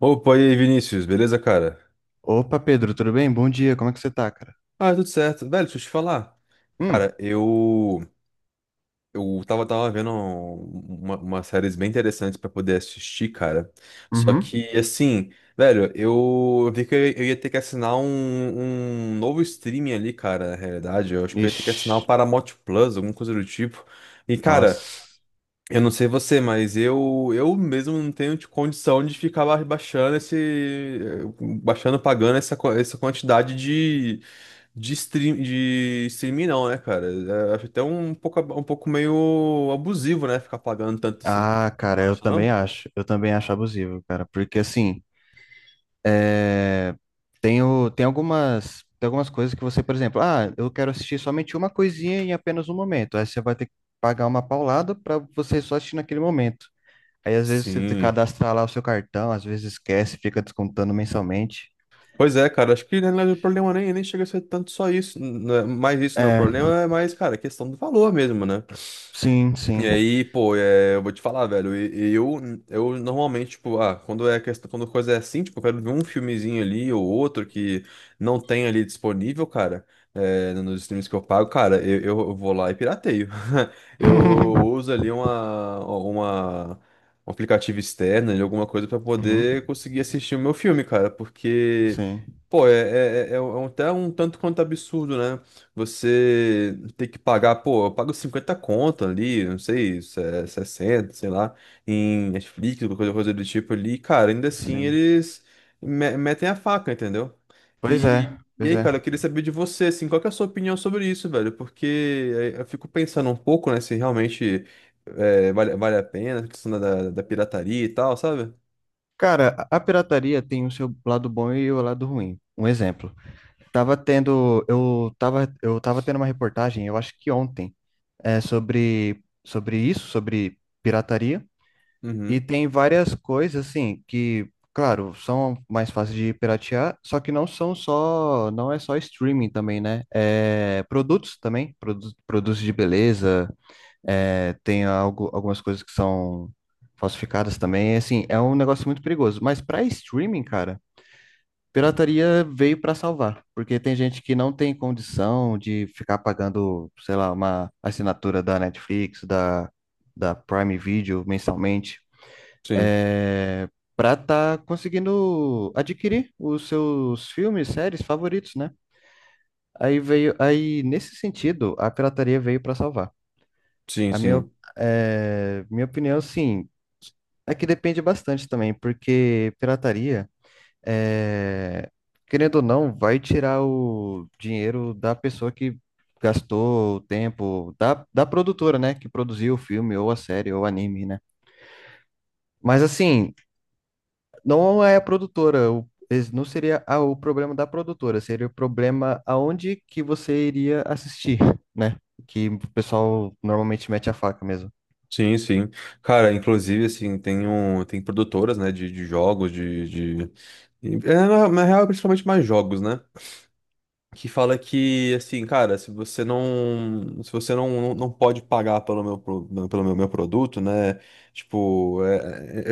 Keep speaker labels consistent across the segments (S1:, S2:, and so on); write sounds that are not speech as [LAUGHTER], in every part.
S1: Opa, e aí, Vinícius, beleza, cara?
S2: Opa, Pedro, tudo bem? Bom dia, como é que você tá, cara?
S1: Ah, tudo certo. Velho, deixa eu te falar.
S2: Hum,
S1: Cara, eu tava vendo umas séries bem interessantes pra poder assistir, cara. Só
S2: uhum.
S1: que, assim, velho, eu vi que eu ia ter que assinar um novo streaming ali, cara, na realidade. Eu acho que eu ia ter que
S2: Ixi,
S1: assinar o Paramount Plus, alguma coisa do tipo. E, cara,
S2: nossa.
S1: eu não sei você, mas eu mesmo não tenho de condição de ficar baixando esse baixando pagando essa, essa quantidade de stream de streaming não, né, cara? É, acho até um pouco um pouco meio abusivo, né, ficar pagando tanto assim.
S2: Ah, cara,
S1: Não
S2: eu
S1: acha
S2: também
S1: não?
S2: acho. Eu também acho abusivo, cara. Porque assim, é... tem algumas coisas que você, por exemplo, ah, eu quero assistir somente uma coisinha em apenas um momento. Aí você vai ter que pagar uma paulada pra você só assistir naquele momento. Aí às vezes você te
S1: Sim.
S2: cadastra lá o seu cartão, às vezes esquece, fica descontando mensalmente.
S1: Pois é, cara, acho que na verdade o problema nem chega a ser tanto só isso, não é mais isso não, o
S2: É,
S1: problema é mais, cara, a questão do valor mesmo, né?
S2: sim,
S1: E
S2: sim.
S1: aí, pô, é, eu vou te falar, velho, e eu normalmente, tipo, ah, quando é questão, quando coisa é assim, tipo, eu quero ver um filmezinho ali ou outro que não tem ali disponível, cara, é, nos streams que eu pago, cara, eu, eu vou lá e pirateio. [LAUGHS] Eu uso
S2: [LAUGHS]
S1: ali um aplicativo externo, ali, alguma coisa pra
S2: Uhum,
S1: poder conseguir assistir o meu filme, cara, porque,
S2: sim.
S1: pô, é até um tanto quanto absurdo, né? Você tem que pagar, pô, eu pago 50 conto ali, não sei, 60, sei lá, em Netflix, alguma coisa, coisa do tipo ali, cara, ainda assim
S2: Sim.
S1: eles metem a faca, entendeu?
S2: Pois é,
S1: E
S2: pois
S1: aí,
S2: é.
S1: cara, eu queria saber de você, assim, qual que é a sua opinião sobre isso, velho? Porque eu fico pensando um pouco, né, se realmente vale a pena, a questão da, da pirataria e tal, sabe?
S2: Cara, a pirataria tem o seu lado bom e o lado ruim. Um exemplo. Tava tendo, eu tava tendo uma reportagem, eu acho que ontem, sobre isso, sobre pirataria. E
S1: Uhum.
S2: tem várias coisas, assim, que, claro, são mais fáceis de piratear, só que não é só streaming também, né? Produtos também, produtos de beleza, tem algumas coisas que são falsificadas também. Assim, é um negócio muito perigoso. Mas para streaming, cara, pirataria veio para salvar, porque tem gente que não tem condição de ficar pagando, sei lá, uma assinatura da Netflix, da Prime Video mensalmente,
S1: Sim,
S2: é, para estar conseguindo adquirir os seus filmes, séries favoritos, né? Aí nesse sentido, a pirataria veio para salvar.
S1: sim,
S2: A minha,
S1: sim.
S2: é, minha opinião, sim. É que depende bastante também, porque pirataria, é, querendo ou não, vai tirar o dinheiro da pessoa que gastou o tempo, da produtora, né, que produziu o filme, ou a série, ou o anime, né? Mas assim, não é a produtora, não seria o problema da produtora, seria o problema aonde que você iria assistir, né? Que o pessoal normalmente mete a faca mesmo.
S1: Sim, sim. Cara, inclusive, assim, tem, um, tem produtoras, né, de jogos, de... É, na, na real, principalmente mais jogos, né? Que fala que, assim, cara, se você não pode pagar pelo meu, pelo meu, produto, né? Tipo, é-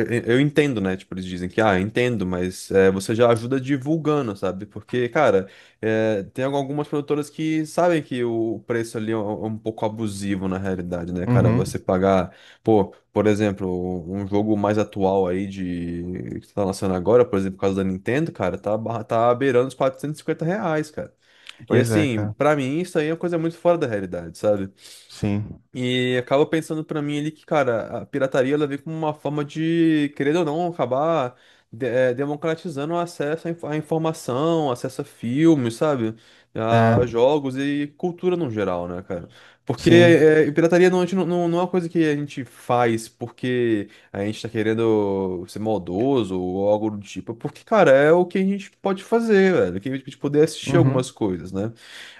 S1: é- é- eu entendo, né? Tipo, eles dizem que, ah, entendo, mas é, você já ajuda divulgando, sabe? Porque, cara, é, tem algumas produtoras que sabem que o preço ali é é um pouco abusivo na realidade, né, cara? Você
S2: Uhum.
S1: pagar, pô, por exemplo, um jogo mais atual aí de que tá lançando agora, por exemplo, por causa da Nintendo, cara, tá, tá beirando os R$ 450, cara. E
S2: Pois é,
S1: assim,
S2: cara.
S1: pra mim isso aí é uma coisa muito fora da realidade, sabe?
S2: Sim.
S1: E acaba pensando pra mim ali que, cara, a pirataria ela vem como uma forma de, querendo ou não, acabar democratizando o acesso à à informação, acesso a filmes, sabe?
S2: É,
S1: A jogos e cultura no geral, né, cara? Porque
S2: sim.
S1: pirataria não, a gente não não é uma coisa que a gente faz porque a gente tá querendo ser maldoso ou algo do tipo. É porque, cara, é o que a gente pode fazer, velho. Que a gente poder assistir
S2: Uhum.
S1: algumas coisas, né?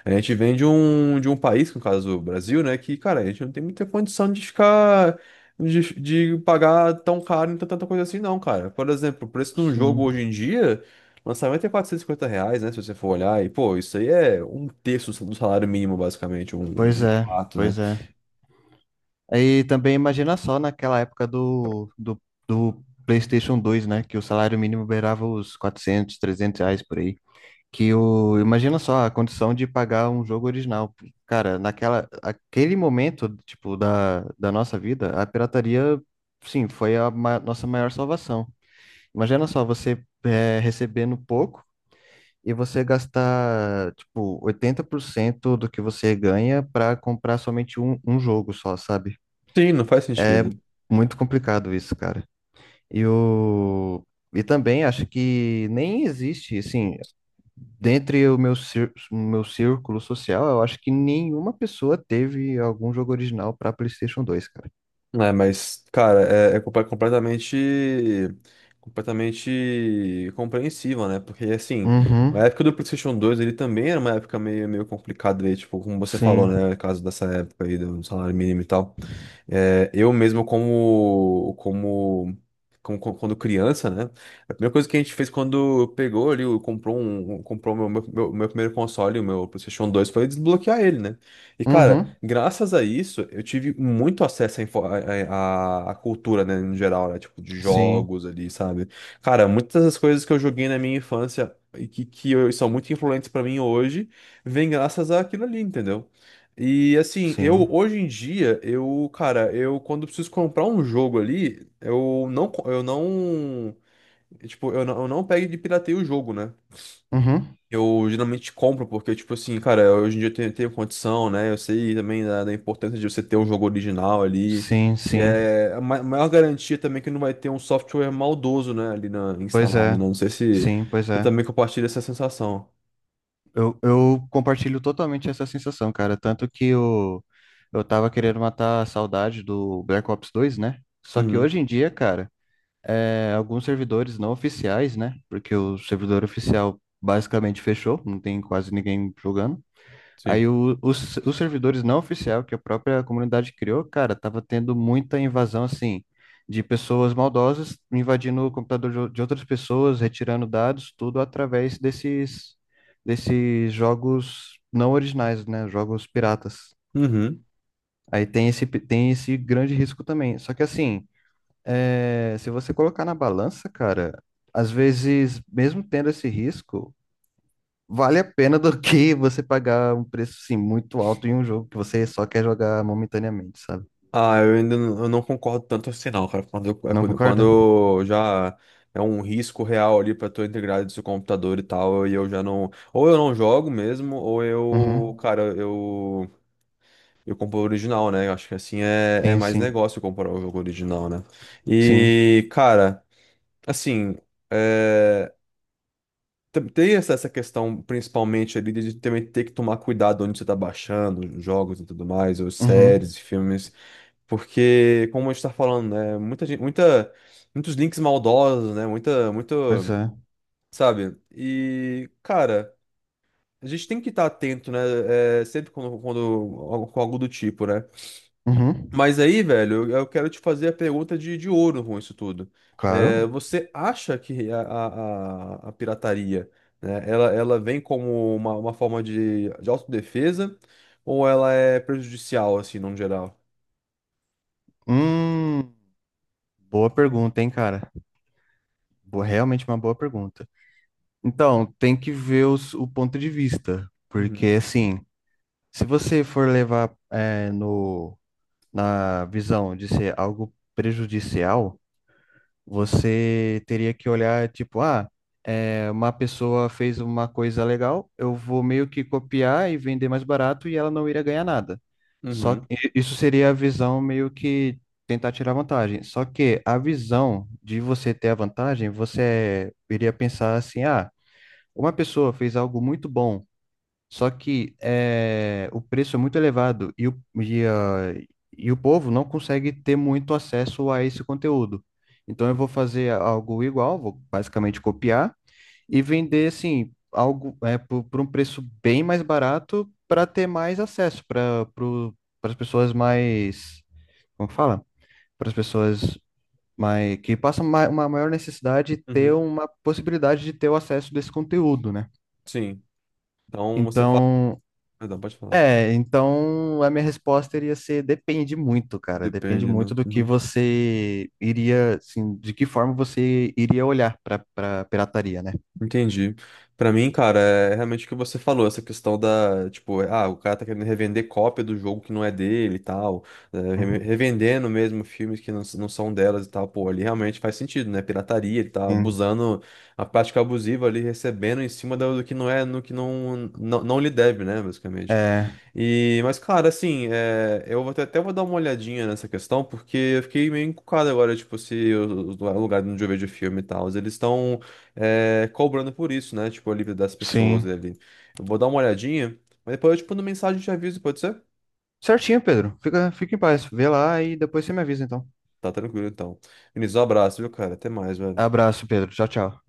S1: A gente vem de um país, que no caso é o Brasil, né? Que, cara, a gente não tem muita condição de ficar. De pagar tão caro em tanta coisa assim, não, cara. Por exemplo, o preço de um jogo hoje
S2: Sim,
S1: em dia, lançamento é R$ 450, né? Se você for olhar, e pô, isso aí é um terço do salário mínimo, basicamente, um,
S2: pois
S1: um
S2: é,
S1: quarto, né?
S2: pois é. Aí também imagina só naquela época do PlayStation 2, né? Que o salário mínimo beirava os 400 300 reais por aí. Imagina só a condição de pagar um jogo original. Cara, aquele momento, tipo, da nossa vida, a pirataria, sim, foi a nossa maior salvação. Imagina só você recebendo pouco e você gastar, tipo, 80% do que você ganha para comprar somente um jogo só, sabe?
S1: Sim, não faz
S2: É
S1: sentido.
S2: muito complicado isso, cara. E o... E também acho que nem existe, assim, dentre o meu círculo social, eu acho que nenhuma pessoa teve algum jogo original para PlayStation 2, cara.
S1: É, mas, cara, é, é completamente, completamente compreensível, né? Porque, assim, a
S2: Uhum,
S1: época do PlayStation 2 ele também era uma época meio complicada, aí, tipo, como você falou,
S2: sim.
S1: né? No caso dessa época aí do salário mínimo e tal. É, eu mesmo quando criança, né? A primeira coisa que a gente fez quando pegou ali, comprou um, comprou meu primeiro console, o meu PlayStation 2 foi desbloquear ele, né? E cara,
S2: Uhum,
S1: graças a isso, eu tive muito acesso à, à cultura, né, no geral, né? Tipo, de
S2: sim,
S1: jogos ali, sabe? Cara, muitas das coisas que eu joguei na minha infância e que, são muito influentes pra mim hoje, vem graças àquilo ali, entendeu? E assim, eu
S2: sim.
S1: hoje em dia, eu, cara, eu quando preciso comprar um jogo ali, eu não, tipo, eu não pego e pirateio o jogo, né?
S2: Uhum,
S1: Eu geralmente compro porque, tipo assim, cara, hoje em dia eu tenho, tenho condição, né? Eu sei também da, da importância de você ter um jogo original ali.
S2: sim,
S1: E
S2: sim.
S1: é a maior garantia também é que não vai ter um software maldoso, né, ali na,
S2: Pois
S1: instalado, né?
S2: é.
S1: Não sei se
S2: Sim, pois
S1: você
S2: é.
S1: também compartilha essa sensação.
S2: Eu compartilho totalmente essa sensação, cara. Tanto que eu tava querendo matar a saudade do Black Ops 2, né? Só que
S1: Uhum,
S2: hoje em dia, cara, alguns servidores não oficiais, né? Porque o servidor oficial basicamente fechou, não tem quase ninguém jogando.
S1: sim.
S2: Aí os servidores não oficial que a própria comunidade criou, cara, tava tendo muita invasão, assim, de pessoas maldosas invadindo o computador de de outras pessoas, retirando dados, tudo através desses jogos não originais, né? Jogos piratas.
S1: Uhum.
S2: Aí tem esse grande risco também. Só que, assim, se você colocar na balança, cara, às vezes, mesmo tendo esse risco, vale a pena do que você pagar um preço assim, muito alto em um jogo que você só quer jogar momentaneamente, sabe?
S1: Ah, eu ainda não, eu não concordo tanto assim, não, cara. Quando,
S2: Não concorda?
S1: quando já é um risco real ali pra tua integridade do seu computador e tal, e eu já não. Ou eu não jogo mesmo, ou eu.
S2: Uhum.
S1: Cara, eu. Eu compro o original, né? Eu acho que assim é, é
S2: Sim,
S1: mais
S2: sim,
S1: negócio comprar o jogo original, né?
S2: sim.
S1: E, cara, assim. É, tem essa questão, principalmente ali, de também ter que tomar cuidado onde você está baixando os jogos e tudo mais, ou
S2: Uhum.
S1: séries e filmes, porque, como a gente tá falando, né, muitos links maldosos, né,
S2: Pois é.
S1: sabe? E, cara, a gente tem que estar atento, né, é, sempre quando, com algo do tipo, né?
S2: Uhum.
S1: Mas aí, velho, eu quero te fazer a pergunta de ouro com isso tudo.
S2: Claro.
S1: Você acha que a pirataria, né, ela vem como uma forma de autodefesa ou ela é prejudicial, assim, no geral?
S2: Hum, boa pergunta, hein, cara? Boa, realmente uma boa pergunta. Então, tem que ver o ponto de vista, porque
S1: Uhum,
S2: assim, se você for levar é, no, na visão de ser algo prejudicial, você teria que olhar, tipo, uma pessoa fez uma coisa legal, eu vou meio que copiar e vender mais barato e ela não iria ganhar nada. Só
S1: uhum,
S2: que isso seria a visão meio que tentar tirar vantagem. Só que a visão de você ter a vantagem, você iria pensar assim, ah, uma pessoa fez algo muito bom. Só que o preço é muito elevado e o povo não consegue ter muito acesso a esse conteúdo. Então eu vou fazer algo igual, vou basicamente copiar e vender assim algo por um preço bem mais barato para ter mais acesso para as pessoas mais, como que fala? Para as pessoas mais que passam uma maior necessidade de ter
S1: uhum.
S2: uma possibilidade de ter o acesso desse conteúdo, né?
S1: Sim. Então você fala.
S2: Então,
S1: Perdão, pode falar.
S2: então, a minha resposta iria ser depende muito, cara. Depende
S1: Depende, né?
S2: muito do que você iria, assim, de que forma você iria olhar para pirataria, né?
S1: Entendi. Pra mim, cara, é realmente o que você falou, essa questão da, tipo, ah, o cara tá querendo revender cópia do jogo que não é dele e tal, é,
S2: Uhum.
S1: revendendo mesmo filmes que não, não são delas e tal, pô, ali realmente faz sentido, né? Pirataria, ele tá
S2: Sim.
S1: abusando, a prática abusiva ali, recebendo em cima do que não é, no que não lhe deve, né, basicamente.
S2: É,
S1: E, mas, cara, assim, é, eu vou até vou dar uma olhadinha nessa questão, porque eu fiquei meio encucado agora, tipo, se o, o lugar onde eu vejo filme e tal, eles estão é, cobrando por isso, né? Tipo, a livre das pessoas
S2: sim.
S1: ali. Eu vou dar uma olhadinha, mas depois eu te mando mensagem e te aviso, pode ser?
S2: Certinho, Pedro. Fica, fica em paz. Vê lá e depois você me avisa, então.
S1: Tá tranquilo, então. Vinícius, um abraço, viu, cara? Até mais, velho.
S2: Abraço, Pedro. Tchau, tchau.